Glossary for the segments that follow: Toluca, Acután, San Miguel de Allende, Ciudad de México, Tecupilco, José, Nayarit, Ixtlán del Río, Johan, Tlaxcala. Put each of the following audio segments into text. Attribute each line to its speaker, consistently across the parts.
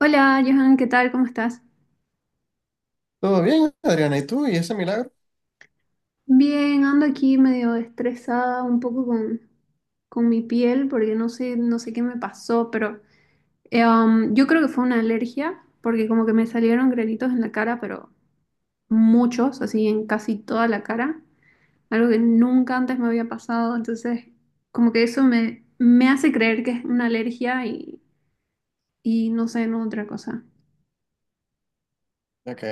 Speaker 1: Hola, Johan, ¿qué tal? ¿Cómo estás?
Speaker 2: Todo bien, Adriana, ¿y tú? ¿Y ese milagro?
Speaker 1: Bien, ando aquí medio estresada un poco con mi piel porque no sé qué me pasó, pero yo creo que fue una alergia porque como que me salieron granitos en la cara, pero muchos, así en casi toda la cara, algo que nunca antes me había pasado, entonces como que me hace creer que es una alergia y no sé, no otra cosa.
Speaker 2: Ok.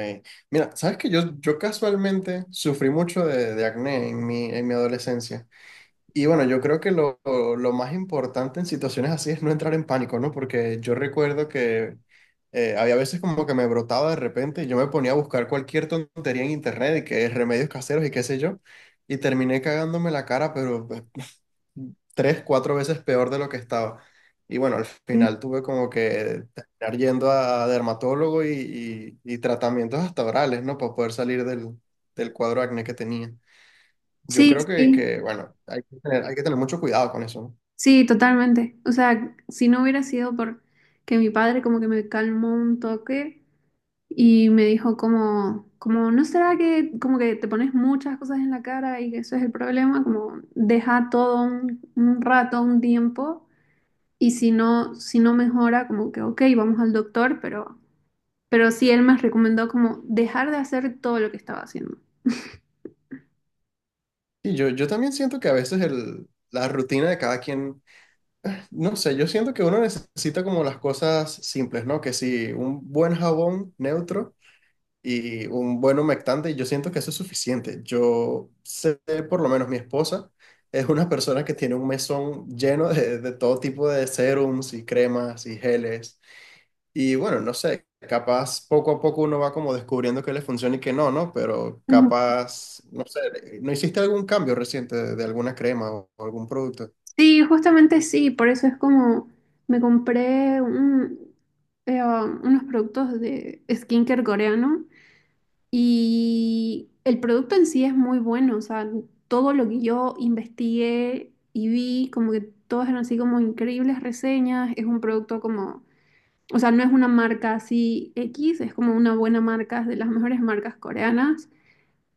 Speaker 2: Mira, sabes que yo casualmente sufrí mucho de acné en mi adolescencia. Y bueno, yo creo que lo más importante en situaciones así es no entrar en pánico, ¿no? Porque yo recuerdo que había veces como que me brotaba de repente y yo me ponía a buscar cualquier tontería en internet y que remedios caseros y qué sé yo. Y terminé cagándome la cara, pero pues, tres, cuatro veces peor de lo que estaba. Y bueno, al
Speaker 1: Sí,
Speaker 2: final tuve como que terminar yendo a dermatólogo y tratamientos hasta orales, ¿no? Para poder salir del cuadro de acné que tenía. Yo
Speaker 1: sí,
Speaker 2: creo que,
Speaker 1: sí.
Speaker 2: bueno, hay que tener mucho cuidado con eso, ¿no?
Speaker 1: Sí, totalmente. O sea, si no hubiera sido por que mi padre como que me calmó un toque y me dijo como, ¿no será que como que te pones muchas cosas en la cara y que eso es el problema? Como deja un rato, un tiempo y si no mejora, como que, ok, vamos al doctor, pero sí él me recomendó como dejar de hacer todo lo que estaba haciendo.
Speaker 2: Y yo también siento que a veces la rutina de cada quien, no sé, yo siento que uno necesita como las cosas simples, ¿no? Que si un buen jabón neutro y un buen humectante, y yo siento que eso es suficiente. Yo sé, por lo menos mi esposa es una persona que tiene un mesón lleno de todo tipo de serums y cremas y geles. Y bueno, no sé, capaz poco a poco uno va como descubriendo que le funciona y que no, ¿no? Pero capaz, no sé, ¿no hiciste algún cambio reciente de alguna crema o algún producto?
Speaker 1: Sí, justamente sí, por eso es como me compré un- unos productos de skincare coreano y el producto en sí es muy bueno, o sea, todo lo que yo investigué y vi, como que todas eran así como increíbles reseñas, es un producto como, o sea, no es una marca así X, es como una buena marca, es de las mejores marcas coreanas.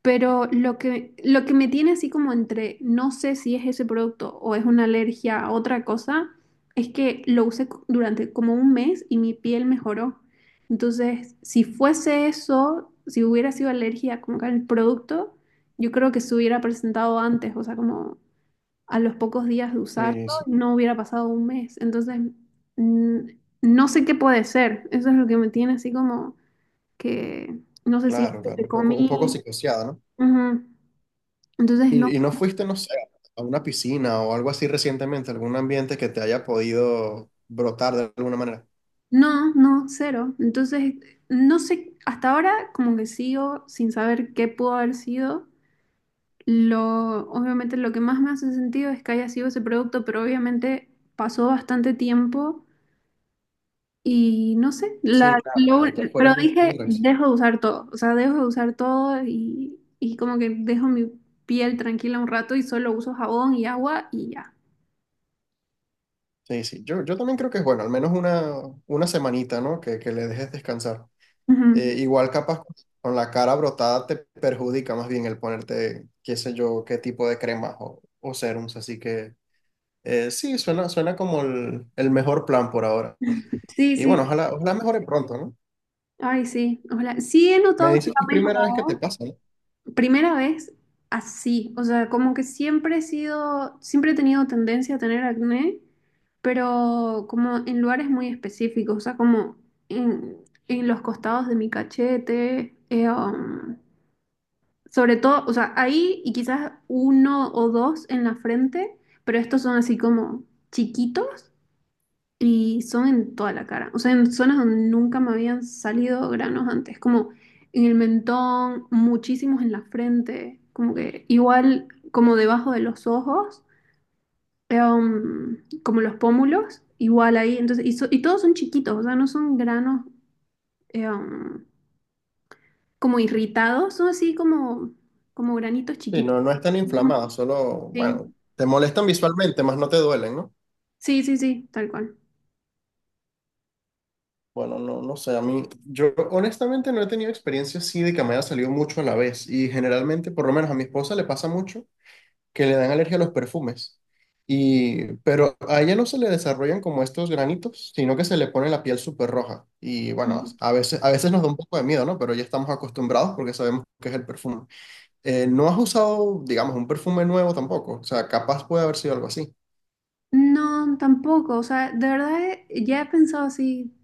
Speaker 1: Pero lo que me tiene así como entre no sé si es ese producto o es una alergia a otra cosa, es que lo usé durante como un mes y mi piel mejoró. Entonces, si fuese eso, si hubiera sido alergia como que al producto, yo creo que se hubiera presentado antes, o sea, como a los pocos días de usarlo,
Speaker 2: Sí, sí,
Speaker 1: no hubiera pasado un mes. Entonces, mm, no sé qué puede ser. Eso es lo que me tiene así como que no sé si es
Speaker 2: claro, claro,
Speaker 1: que
Speaker 2: un poco
Speaker 1: comí.
Speaker 2: psicoseada, ¿no?
Speaker 1: Ujú. Entonces, no,
Speaker 2: ¿Y no fuiste, no sé, a una piscina o algo así recientemente, algún ambiente que te haya podido brotar de alguna manera?
Speaker 1: no, no, cero. Entonces, no sé, hasta ahora como que sigo sin saber qué pudo haber sido. Lo, obviamente lo que más me hace sentido es que haya sido ese producto, pero obviamente pasó bastante tiempo y no sé,
Speaker 2: Sí, claro, ya, ya
Speaker 1: pero
Speaker 2: fueras visto de res.
Speaker 1: dejo de usar todo, o sea, dejo de usar todo y como que dejo mi piel tranquila un rato y solo uso jabón y agua y ya.
Speaker 2: Sí, sí, yo también creo que es bueno, al menos una semanita, ¿no? Que le dejes descansar.
Speaker 1: Ujú.
Speaker 2: Igual capaz con la cara brotada te perjudica más bien el ponerte, qué sé yo, qué tipo de cremas o serums, así que sí, suena, suena como el mejor plan por ahora.
Speaker 1: Sí,
Speaker 2: Y bueno,
Speaker 1: sí.
Speaker 2: ojalá, ojalá mejore pronto, ¿no?
Speaker 1: Ay, sí. Ojalá. Sí he
Speaker 2: Me
Speaker 1: notado que
Speaker 2: dices que
Speaker 1: ha
Speaker 2: es primera vez que te
Speaker 1: mejorado.
Speaker 2: pasa, ¿no?
Speaker 1: Primera vez así, o sea, como que siempre he sido, siempre he tenido tendencia a tener acné, pero como en lugares muy específicos, o sea, como en, en los costados de mi cachete, sobre todo, o sea, ahí y quizás uno o dos en la frente, pero estos son así como chiquitos y son en toda la cara, o sea, en zonas donde nunca me habían salido granos antes, como en el mentón, muchísimos en la frente, como que igual como debajo de los ojos, eh, um, como los pómulos, igual ahí, entonces, y, y todos son chiquitos, o sea, no son granos eh, um, como irritados, son así como, como granitos
Speaker 2: Sí, no,
Speaker 1: chiquitos.
Speaker 2: no están
Speaker 1: Ujú.
Speaker 2: inflamadas, solo,
Speaker 1: Sí,
Speaker 2: bueno, te molestan visualmente, más no te duelen, ¿no?
Speaker 1: sí, sí, sí, tal cual.
Speaker 2: Bueno, no, no sé, a mí, yo honestamente no he tenido experiencia así de que me haya salido mucho a la vez y generalmente, por lo menos a mi esposa le pasa mucho que le dan alergia a los perfumes y, pero a ella no se le desarrollan como estos granitos, sino que se le pone la piel súper roja y bueno, a veces nos da un poco de miedo, ¿no? Pero ya estamos acostumbrados porque sabemos que es el perfume. ¿No has usado, digamos, un perfume nuevo tampoco? O sea, capaz puede haber sido algo así.
Speaker 1: No, tampoco, o sea, de verdad ya he pensado así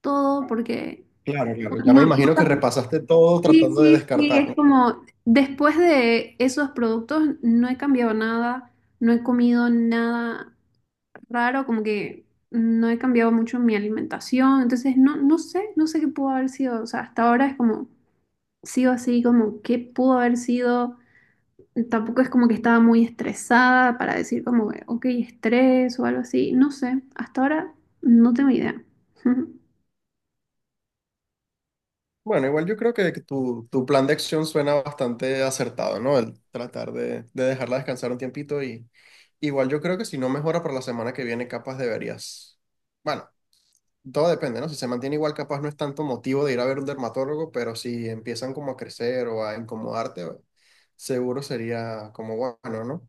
Speaker 1: todo porque
Speaker 2: Claro, claro. Ya me
Speaker 1: no,
Speaker 2: imagino que repasaste todo
Speaker 1: sí,
Speaker 2: tratando de
Speaker 1: sí, sí,
Speaker 2: descartar,
Speaker 1: es
Speaker 2: ¿no?
Speaker 1: como después de esos productos no he cambiado nada, no he comido nada raro, como que no he cambiado mucho mi alimentación, entonces no, no sé, no sé qué pudo haber sido, o sea, hasta ahora es como, sigo así, como qué pudo haber sido, tampoco es como que estaba muy estresada para decir como, ok, estrés o algo así, no sé, hasta ahora no tengo idea.
Speaker 2: Bueno, igual yo creo que tu, tu plan de acción suena bastante acertado, ¿no? El tratar de dejarla descansar un tiempito y igual yo creo que si no mejora para la semana que viene, capaz deberías. Bueno, todo depende, ¿no? Si se mantiene igual, capaz no es tanto motivo de ir a ver un dermatólogo, pero si empiezan como a crecer o a incomodarte, seguro sería como bueno, ¿no?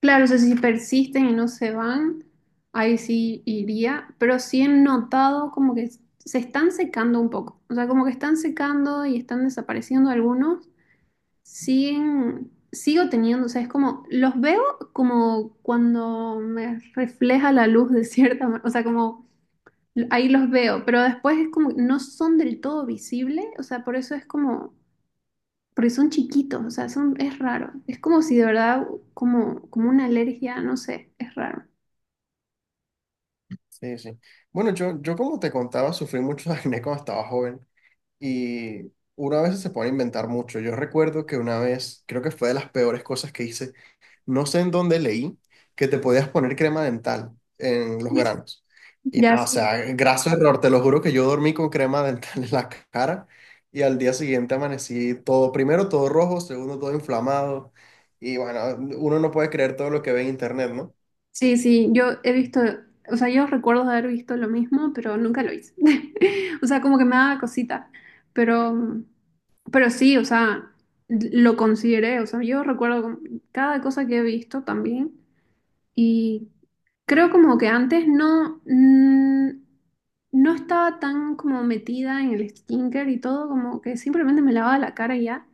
Speaker 1: Claro, o sea, si persisten y no se van, ahí sí iría, pero sí he notado como que se están secando un poco, o sea, como que están secando y están desapareciendo algunos, siguen, sigo teniendo, o sea, es como, los veo como cuando me refleja la luz de cierta manera, o sea, como ahí los veo, pero después es como, no son del todo visibles, o sea, por eso es como porque son chiquitos, o sea, son, es raro. Es como si de verdad, como, como una alergia, no sé, es raro.
Speaker 2: Sí, sí. Bueno, yo como te contaba, sufrí mucho de acné cuando estaba joven. Y una vez veces se pone a inventar mucho. Yo recuerdo que una vez, creo que fue de las peores cosas que hice, no sé en dónde leí, que te podías poner crema dental en los granos. Y
Speaker 1: Ya
Speaker 2: nada, o
Speaker 1: sé.
Speaker 2: sea, graso error, te lo juro que yo dormí con crema dental en la cara y al día siguiente amanecí todo, primero todo rojo, segundo todo inflamado. Y bueno, uno no puede creer todo lo que ve en internet, ¿no?
Speaker 1: Sí, sí, yo he visto, o sea, yo recuerdo de haber visto lo mismo, pero nunca lo hice. O sea, como que me daba cosita, pero, pero sí, o sea, lo consideré, o sea, yo recuerdo como cada cosa que he visto también y Creo como que antes no, no estaba tan como metida en el skincare y todo, como que simplemente me lavaba la cara y ya.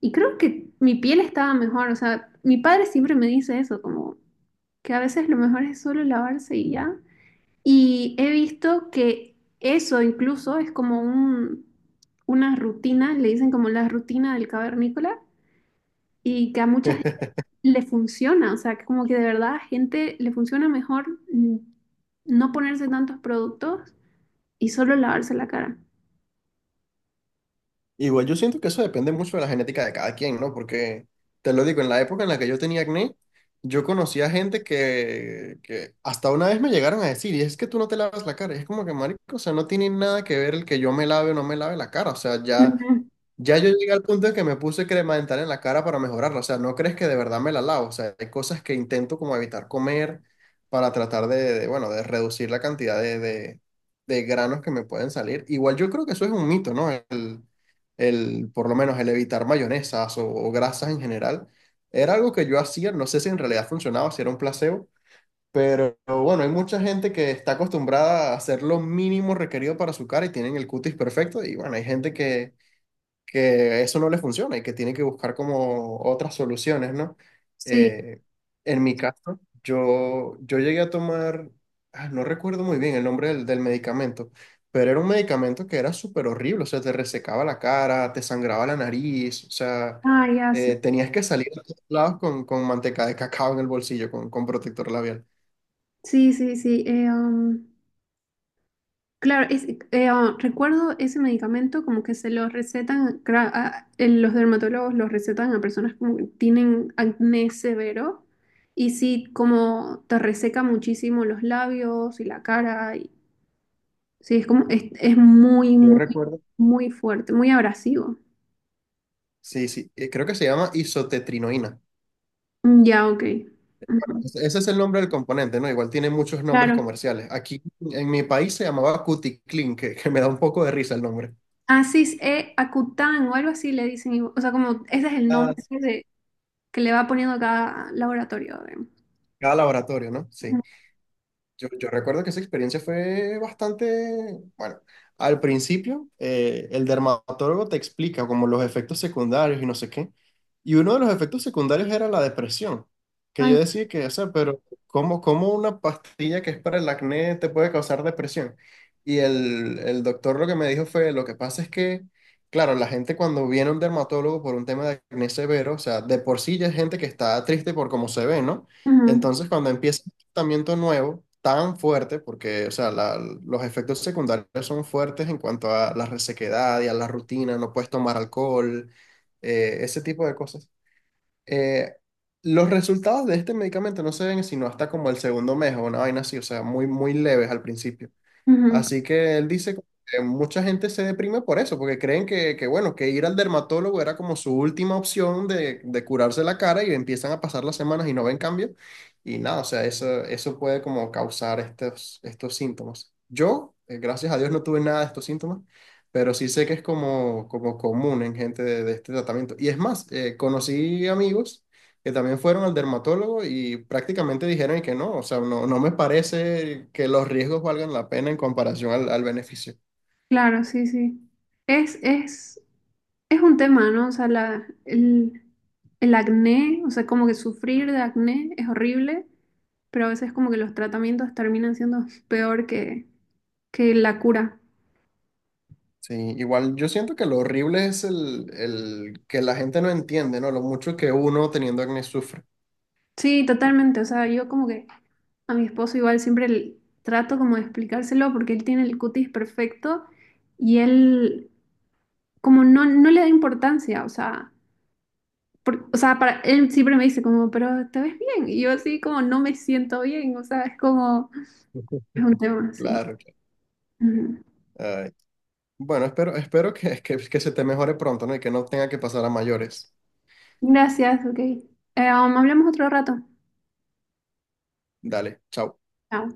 Speaker 1: Y creo que mi piel estaba mejor, o sea, mi padre siempre me dice eso, como que a veces lo mejor es solo lavarse y ya. Y he visto que eso incluso es como un, una rutina, le dicen como la rutina del cavernícola, y que a mucha le funciona, o sea, que como que de verdad a gente le funciona mejor no ponerse tantos productos y solo lavarse la cara.
Speaker 2: Igual yo siento que eso depende mucho de la genética de cada quien, ¿no? Porque, te lo digo, en la época en la que yo tenía acné, yo conocía gente que hasta una vez me llegaron a decir, y es que tú no te lavas la cara, y es como que, marico, o sea, no tiene nada que ver el que yo me lave o no me lave la cara, o sea, ya
Speaker 1: Ujú.
Speaker 2: ya yo llegué al punto de que me puse crema dental en la cara para mejorarla. O sea, no crees que de verdad me la lavo. O sea, hay cosas que intento como evitar comer para tratar bueno, de reducir la cantidad de granos que me pueden salir. Igual yo creo que eso es un mito, ¿no? Por lo menos el evitar mayonesas o grasas en general. Era algo que yo hacía, no sé si en realidad funcionaba, si era un placebo, pero bueno, hay mucha gente que está acostumbrada a hacer lo mínimo requerido para su cara y tienen el cutis perfecto y bueno, hay gente que eso no le funciona y que tiene que buscar como otras soluciones, ¿no?
Speaker 1: Sí,
Speaker 2: Eh, en mi caso, yo llegué a tomar, ah, no recuerdo muy bien el nombre del medicamento, pero era un medicamento que era súper horrible, o sea, te resecaba la cara, te sangraba la nariz, o sea,
Speaker 1: ah, ya, sí.
Speaker 2: tenías que salir a todos lados con manteca de cacao en el bolsillo, con protector labial.
Speaker 1: Sí, sí, sí. Claro, recuerdo ese medicamento como que se lo recetan, en los dermatólogos los recetan a personas como que tienen acné severo y sí, como te reseca muchísimo los labios y la cara Sí, es como, es muy,
Speaker 2: Yo
Speaker 1: muy,
Speaker 2: recuerdo,
Speaker 1: muy fuerte, muy abrasivo.
Speaker 2: sí, sí, creo que se llama isotetrinoína.
Speaker 1: Mm, ya, ok. Ujú.
Speaker 2: Ese es el nombre del componente, ¿no? Igual tiene muchos nombres
Speaker 1: Claro.
Speaker 2: comerciales. Aquí en mi país se llamaba Cuticlin, que me da un poco de risa el nombre.
Speaker 1: Asis e Acután o algo así le dicen. Y- O sea, como ese es el nombre
Speaker 2: Ah, sí.
Speaker 1: de- que le va poniendo cada laboratorio. Digamos.
Speaker 2: Cada laboratorio, ¿no?
Speaker 1: Ujú.
Speaker 2: Sí. Yo recuerdo que esa experiencia fue bastante, bueno, al principio el dermatólogo te explica como los efectos secundarios y no sé qué, y uno de los efectos secundarios era la depresión, que
Speaker 1: Ay,
Speaker 2: yo decía que, o sea, pero ¿cómo, cómo una pastilla que es para el acné te puede causar depresión? Y el doctor lo que me dijo fue, lo que pasa es que, claro, la gente cuando viene a un dermatólogo por un tema de acné severo, o sea, de por sí ya es gente que está triste por cómo se ve, ¿no?
Speaker 1: ujú,
Speaker 2: Entonces, cuando empieza tratamiento nuevo tan fuerte, porque, o sea, los efectos secundarios son fuertes en cuanto a la resequedad y a la rutina, no puedes tomar alcohol, ese tipo de cosas. Eh, los resultados de este medicamento no se ven sino hasta como el segundo mes o una vaina así, o sea, muy, muy leves al principio.
Speaker 1: ujú.
Speaker 2: Así que él dice que mucha gente se deprime por eso, porque creen que, bueno, que ir al dermatólogo era como su última opción de curarse la cara y empiezan a pasar las semanas y no ven cambio. Y nada, o sea, eso puede como causar estos, estos síntomas. Yo, gracias a Dios, no tuve nada de estos síntomas, pero sí sé que es como, como común en gente de este tratamiento. Y es más, conocí amigos que también fueron al dermatólogo y prácticamente dijeron que no, o sea, no, no me parece que los riesgos valgan la pena en comparación al beneficio.
Speaker 1: Claro, sí, sí. Es, es, es un tema, ¿no? O sea, el acné, o sea, como que sufrir de acné es horrible, pero a veces como que los tratamientos terminan siendo peor que la cura.
Speaker 2: Sí, igual yo siento que lo horrible es el que la gente no entiende, ¿no? Lo mucho que uno teniendo acné sufre.
Speaker 1: Sí, totalmente. O sea, yo como que a mi esposo igual siempre trato como de explicárselo porque él tiene el cutis perfecto y él como no, no le da importancia. O sea, o sea, para él siempre me dice como, pero te ves bien. Y yo así como no me siento bien. O sea, es como, es un tema así.
Speaker 2: Claro, claro.
Speaker 1: Ujú.
Speaker 2: Ay. Bueno, espero, espero que se te mejore pronto, ¿no? Y que no tenga que pasar a mayores.
Speaker 1: Gracias, ok. Hablamos otro rato.
Speaker 2: Dale, chao.
Speaker 1: Chao.